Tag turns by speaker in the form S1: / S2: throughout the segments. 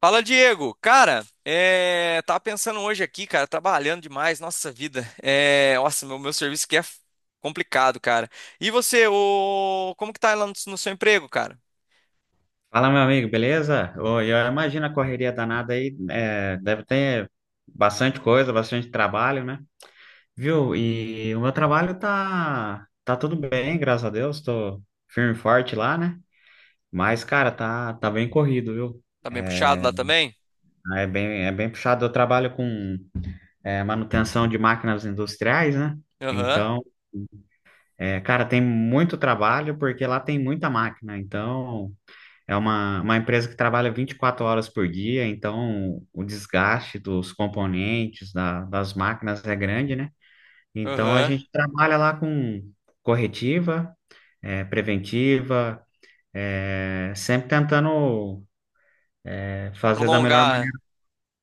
S1: Fala, Diego. Cara, tava pensando hoje aqui, cara, trabalhando demais, nossa vida. Nossa, meu serviço aqui é complicado, cara. E você, como que tá lá no seu emprego, cara?
S2: Fala, meu amigo, beleza? Ô, eu imagino a correria danada aí, deve ter bastante coisa, bastante trabalho, né? Viu? E o meu trabalho tá tudo bem, graças a Deus, tô firme e forte lá, né? Mas, cara, tá bem corrido, viu?
S1: Tá bem puxado lá também?
S2: É bem puxado. Eu trabalho com, manutenção de máquinas industriais, né?
S1: Aham,
S2: Então, cara, tem muito trabalho porque lá tem muita máquina, então. É uma empresa que trabalha 24 horas por dia, então o desgaste dos componentes, das máquinas é grande, né? Então a
S1: aham.
S2: gente trabalha lá com corretiva, preventiva, sempre tentando fazer da melhor
S1: Prolongar
S2: maneira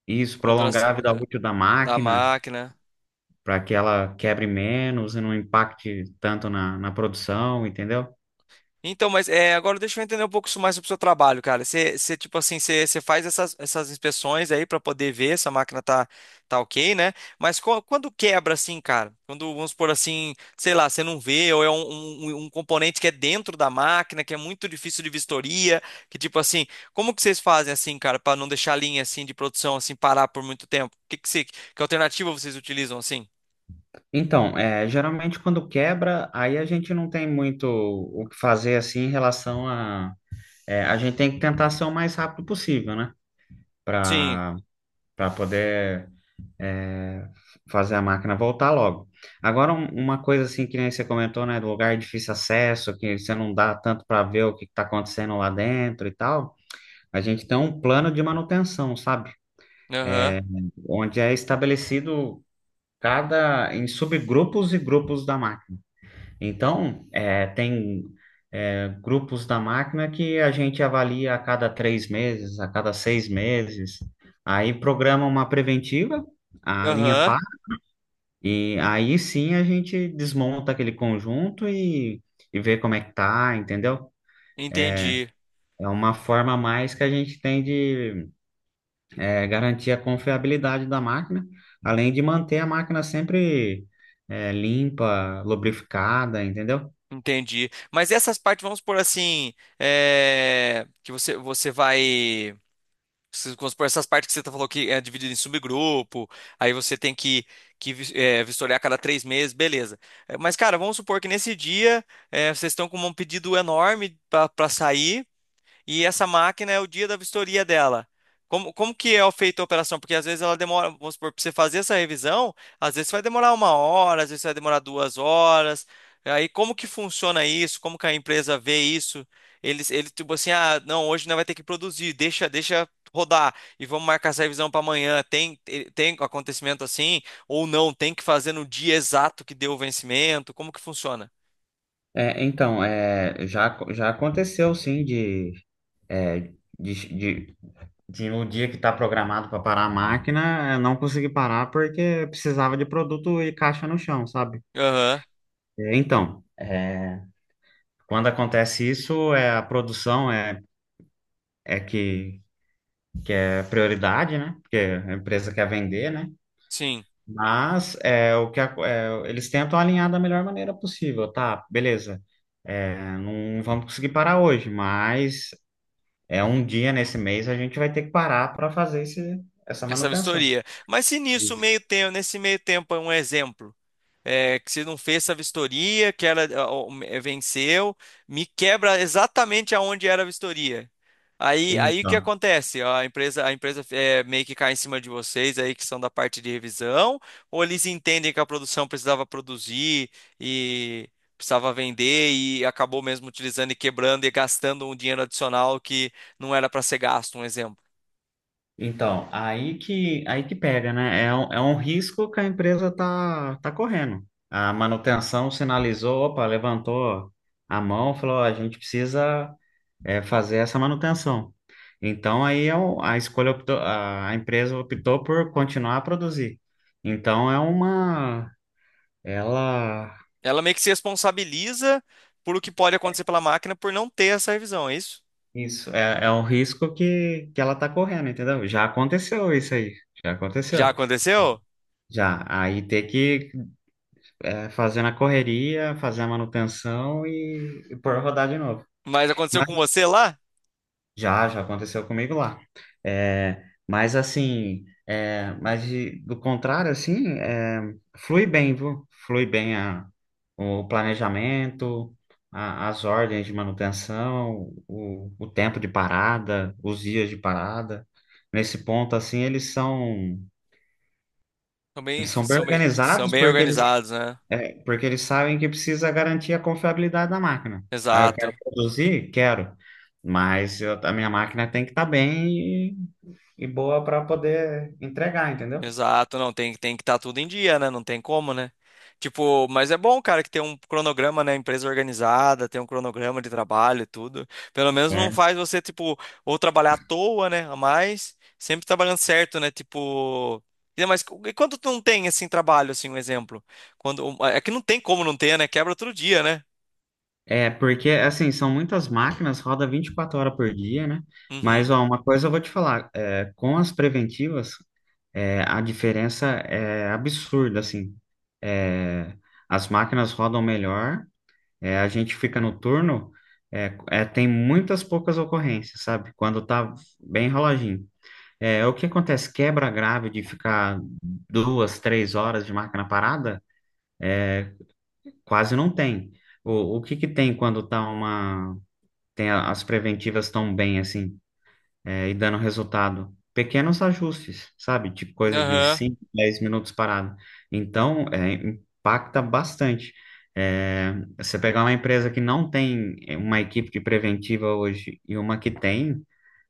S2: isso,
S1: a duração
S2: prolongar a vida útil da
S1: da
S2: máquina
S1: máquina.
S2: para que ela quebre menos e não impacte tanto na produção, entendeu?
S1: Então, mas agora deixa eu entender um pouco isso mais sobre o seu trabalho, cara. Você, tipo assim, você faz essas inspeções aí para poder ver se a máquina tá ok, né? Mas quando quebra assim, cara? Quando, vamos supor assim, sei lá, você não vê, ou é um componente que é dentro da máquina, que é muito difícil de vistoria, que tipo assim, como que vocês fazem assim, cara, para não deixar a linha assim de produção assim parar por muito tempo? Que que alternativa vocês utilizam assim?
S2: Então, geralmente quando quebra, aí a gente não tem muito o que fazer assim em relação. É, a gente tem que tentar ser o mais rápido possível, né?
S1: Sim.
S2: Para para poder é, fazer a máquina voltar logo. Agora, uma coisa assim que nem você comentou, né? Do lugar de difícil acesso, que você não dá tanto para ver o que está acontecendo lá dentro e tal. A gente tem um plano de manutenção, sabe?
S1: Aham.
S2: É, onde é estabelecido cada em subgrupos e grupos da máquina. Então, tem grupos da máquina que a gente avalia a cada 3 meses, a cada 6 meses. Aí programa uma preventiva, a linha
S1: Aham.
S2: PAR, e aí sim a gente desmonta aquele conjunto e vê como é que tá, entendeu?
S1: Entendi.
S2: É uma forma a mais que a gente tem de garantir a confiabilidade da máquina, além de manter a máquina sempre limpa, lubrificada, entendeu?
S1: Entendi. Mas essas partes, vamos por assim, que você vai. Vamos por essas partes que você tá falou que é dividido em subgrupo, aí você tem que vistoriar a cada 3 meses, beleza. Mas, cara, vamos supor que nesse dia vocês estão com um pedido enorme para sair. E essa máquina é o dia da vistoria dela. Como que é feita a operação? Porque às vezes ela demora, vamos supor, para você fazer essa revisão, às vezes vai demorar uma hora, às vezes vai demorar 2 horas. Aí como que funciona isso? Como que a empresa vê isso? Ele tipo assim, ah, não, hoje não vai ter que produzir, deixa rodar e vamos marcar essa revisão para amanhã. Tem acontecimento assim ou não? Tem que fazer no dia exato que deu o vencimento? Como que funciona?
S2: É, então, já aconteceu sim de, é, de, de, de no dia que está programado para parar a máquina, eu não consegui parar porque precisava de produto e caixa no chão, sabe?
S1: Aham,
S2: É, então, quando acontece isso, a produção é que é prioridade, né? Porque a empresa quer vender, né?
S1: sim.
S2: Mas o que eles tentam alinhar da melhor maneira possível, tá? Beleza. Não vamos conseguir parar hoje, mas é um dia nesse mês a gente vai ter que parar para fazer essa
S1: Essa
S2: manutenção.
S1: vistoria. Mas se nisso
S2: Isso.
S1: meio tempo, nesse meio tempo é um exemplo, que se não fez essa vistoria, que ela ó, venceu, me quebra exatamente aonde era a vistoria. Aí, o que
S2: Então,
S1: acontece? A empresa meio que cai em cima de vocês aí que são da parte de revisão, ou eles entendem que a produção precisava produzir e precisava vender e acabou mesmo utilizando e quebrando e gastando um dinheiro adicional que não era para ser gasto, um exemplo.
S2: então, aí que pega, né? É um risco que a empresa tá correndo. A manutenção sinalizou, opa, levantou a mão, falou, ó, a gente precisa fazer essa manutenção. Então aí é a escolha optou, a empresa optou por continuar a produzir. Então é uma ela.
S1: Ela meio que se responsabiliza por o que pode acontecer pela máquina por não ter essa revisão, é isso?
S2: Isso é um risco que ela tá correndo, entendeu? Já aconteceu isso aí. Já
S1: Já
S2: aconteceu.
S1: aconteceu?
S2: Já. Aí ter que fazer na correria, fazer a manutenção e pôr rodar de novo.
S1: Mas aconteceu com você lá?
S2: Já aconteceu comigo lá. É, mas assim, mas do contrário, assim, flui bem, viu? Flui bem o planejamento, as ordens de manutenção, o tempo de parada, os dias de parada. Nesse ponto, assim, eles são,
S1: São bem,
S2: eles são bem
S1: são bem, são
S2: organizados
S1: bem organizados, né?
S2: porque eles sabem que precisa garantir a confiabilidade da máquina. Aí eu quero
S1: Exato.
S2: produzir? Quero. Mas a minha máquina tem que estar bem e boa para poder entregar, entendeu?
S1: Exato, não, tem que estar tudo em dia, né? Não tem como, né? Tipo, mas é bom, cara, que tem um cronograma, né? Empresa organizada, tem um cronograma de trabalho e tudo. Pelo menos não
S2: É,
S1: faz você, tipo, ou trabalhar à toa, né? A mais, sempre trabalhando certo, né? Tipo. Mas e quando tu não tem, assim, trabalho, assim, um exemplo? É que não tem como não ter, né? Quebra todo dia, né?
S2: porque assim, são muitas máquinas, roda 24 horas por dia, né? Mas
S1: Uhum.
S2: ó, uma coisa eu vou te falar, com as preventivas, a diferença é absurda, assim. É, as máquinas rodam melhor, a gente fica no turno, tem muitas poucas ocorrências, sabe? Quando tá bem enroladinho. É, o que acontece? Quebra grave de ficar 2, 3 horas de máquina parada, quase não tem. O que que tem quando tá as preventivas tão bem assim, e dando resultado? Pequenos ajustes, sabe? Tipo coisa de
S1: Aham.
S2: 5 10 minutos parado. Então, impacta bastante. É, você pegar uma empresa que não tem uma equipe de preventiva hoje e uma que tem,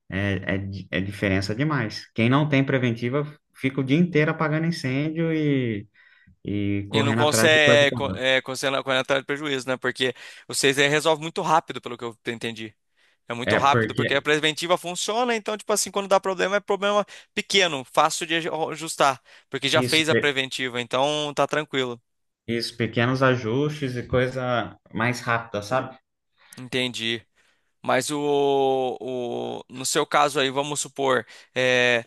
S2: é diferença demais. Quem não tem preventiva fica o dia inteiro apagando incêndio e
S1: E não
S2: correndo atrás de coisa.
S1: consegue,
S2: Que não.
S1: consegue, com a entrada de prejuízo, né? Porque vocês resolve muito rápido, pelo que eu entendi. É muito
S2: É,
S1: rápido, porque a
S2: porque
S1: preventiva funciona, então, tipo assim, quando dá problema, é problema pequeno, fácil de ajustar, porque já
S2: isso.
S1: fez a preventiva, então tá tranquilo.
S2: Isso, pequenos ajustes e coisa mais rápida, sabe?
S1: Entendi. Mas no seu caso aí, vamos supor, é,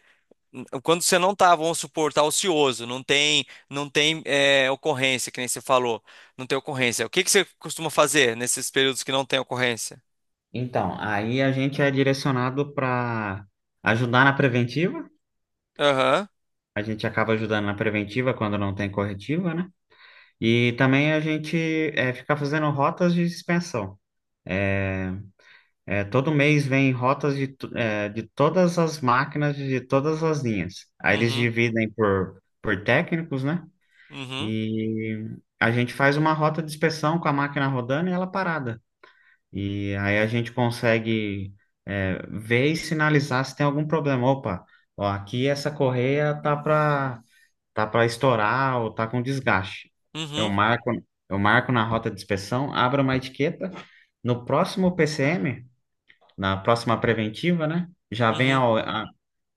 S1: quando você não tá, vamos supor, tá ocioso, não tem ocorrência, que nem você falou, não tem ocorrência. O que que você costuma fazer nesses períodos que não tem ocorrência?
S2: Então, aí a gente é direcionado para ajudar na preventiva.
S1: Aham.
S2: A gente acaba ajudando na preventiva quando não tem corretiva, né? E também a gente fica fazendo rotas de suspensão. É, todo mês vem rotas de todas as máquinas, de todas as linhas. Aí eles
S1: Uhum.
S2: dividem por técnicos, né?
S1: Uhum.
S2: E a gente faz uma rota de inspeção com a máquina rodando e ela parada. E aí a gente consegue ver e sinalizar se tem algum problema. Opa, ó, aqui essa correia tá para estourar ou tá com desgaste. Eu
S1: Uhum.
S2: marco, eu marco na rota de inspeção, abro uma etiqueta. No próximo PCM, na próxima preventiva, né? Já vem a,
S1: Uhum.
S2: O- a-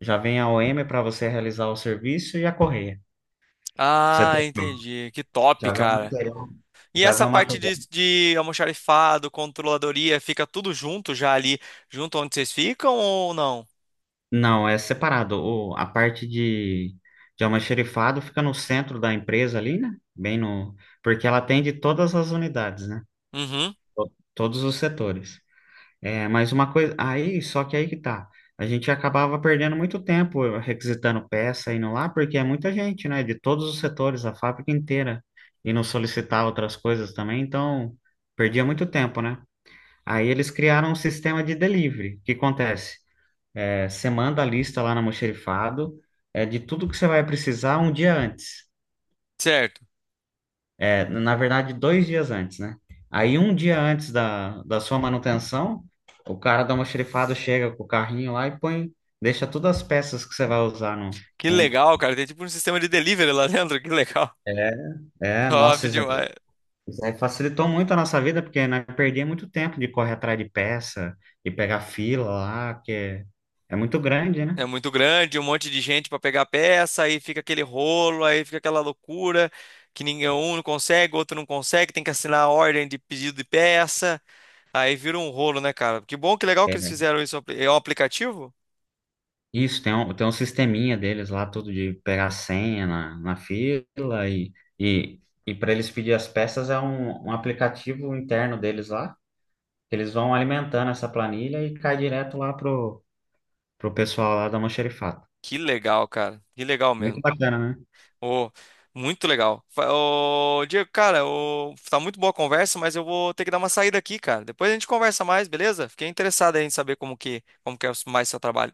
S2: já vem a OM para você realizar o serviço e a correia. Pra Você
S1: Ah,
S2: ter-
S1: entendi. Que top,
S2: Já vem o
S1: cara.
S2: material,
S1: E
S2: já vem
S1: essa
S2: o
S1: parte de,
S2: material
S1: de almoxarifado, controladoria, fica tudo junto já ali, junto onde vocês ficam ou não?
S2: Não, é separado. A parte de almoxarifado fica no centro da empresa ali, né? Bem no, porque ela atende todas as unidades, né?
S1: Uhum,
S2: Todos os setores. É, mas uma coisa, aí, só que aí que tá. A gente acabava perdendo muito tempo requisitando peça, indo lá, porque é muita gente, né? De todos os setores, a fábrica inteira. E não solicitar outras coisas também, então perdia muito tempo, né? Aí eles criaram um sistema de delivery. O que acontece? É, você manda a lista lá na Mocherifado, de tudo que você vai precisar um dia antes.
S1: certo.
S2: É, na verdade, 2 dias antes, né? Aí, um dia antes da sua manutenção, o cara da Mocherifado chega com o carrinho lá e põe, deixa todas as peças que você vai usar no.
S1: Que
S2: no-
S1: legal, cara. Tem tipo um sistema de delivery lá dentro, que legal.
S2: É,
S1: Top
S2: nossa, isso aí
S1: demais.
S2: isso aí facilitou muito a nossa vida, porque nós perdíamos muito tempo de correr atrás de peça, de pegar fila lá, que é muito grande, né?
S1: É muito grande, um monte de gente pra pegar peça, aí fica aquele rolo, aí fica aquela loucura que ninguém um não consegue, outro não consegue, tem que assinar a ordem de pedido de peça, aí vira um rolo, né, cara? Que bom, que legal que eles
S2: É,
S1: fizeram isso. É um aplicativo?
S2: isso, tem um sisteminha deles lá, tudo de pegar a senha na fila e para eles pedir as peças é um aplicativo interno deles lá, que eles vão alimentando essa planilha e cai direto lá pro pessoal lá da Almoxarifado.
S1: Que legal, cara. Que legal
S2: Muito
S1: mesmo.
S2: bacana, né?
S1: Ô, muito legal. Ô, Diego, cara, ô, tá muito boa a conversa, mas eu vou ter que dar uma saída aqui, cara. Depois a gente conversa mais, beleza? Fiquei interessado aí em saber como que é mais seu trabalho.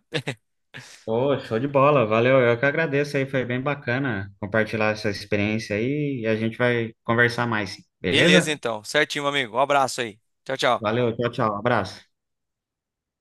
S2: Pô, show de bola, valeu, eu que agradeço aí, foi bem bacana compartilhar essa experiência aí e a gente vai conversar mais,
S1: Beleza,
S2: beleza?
S1: então. Certinho, meu amigo. Um abraço aí. Tchau, tchau.
S2: Valeu, tchau, tchau, abraço.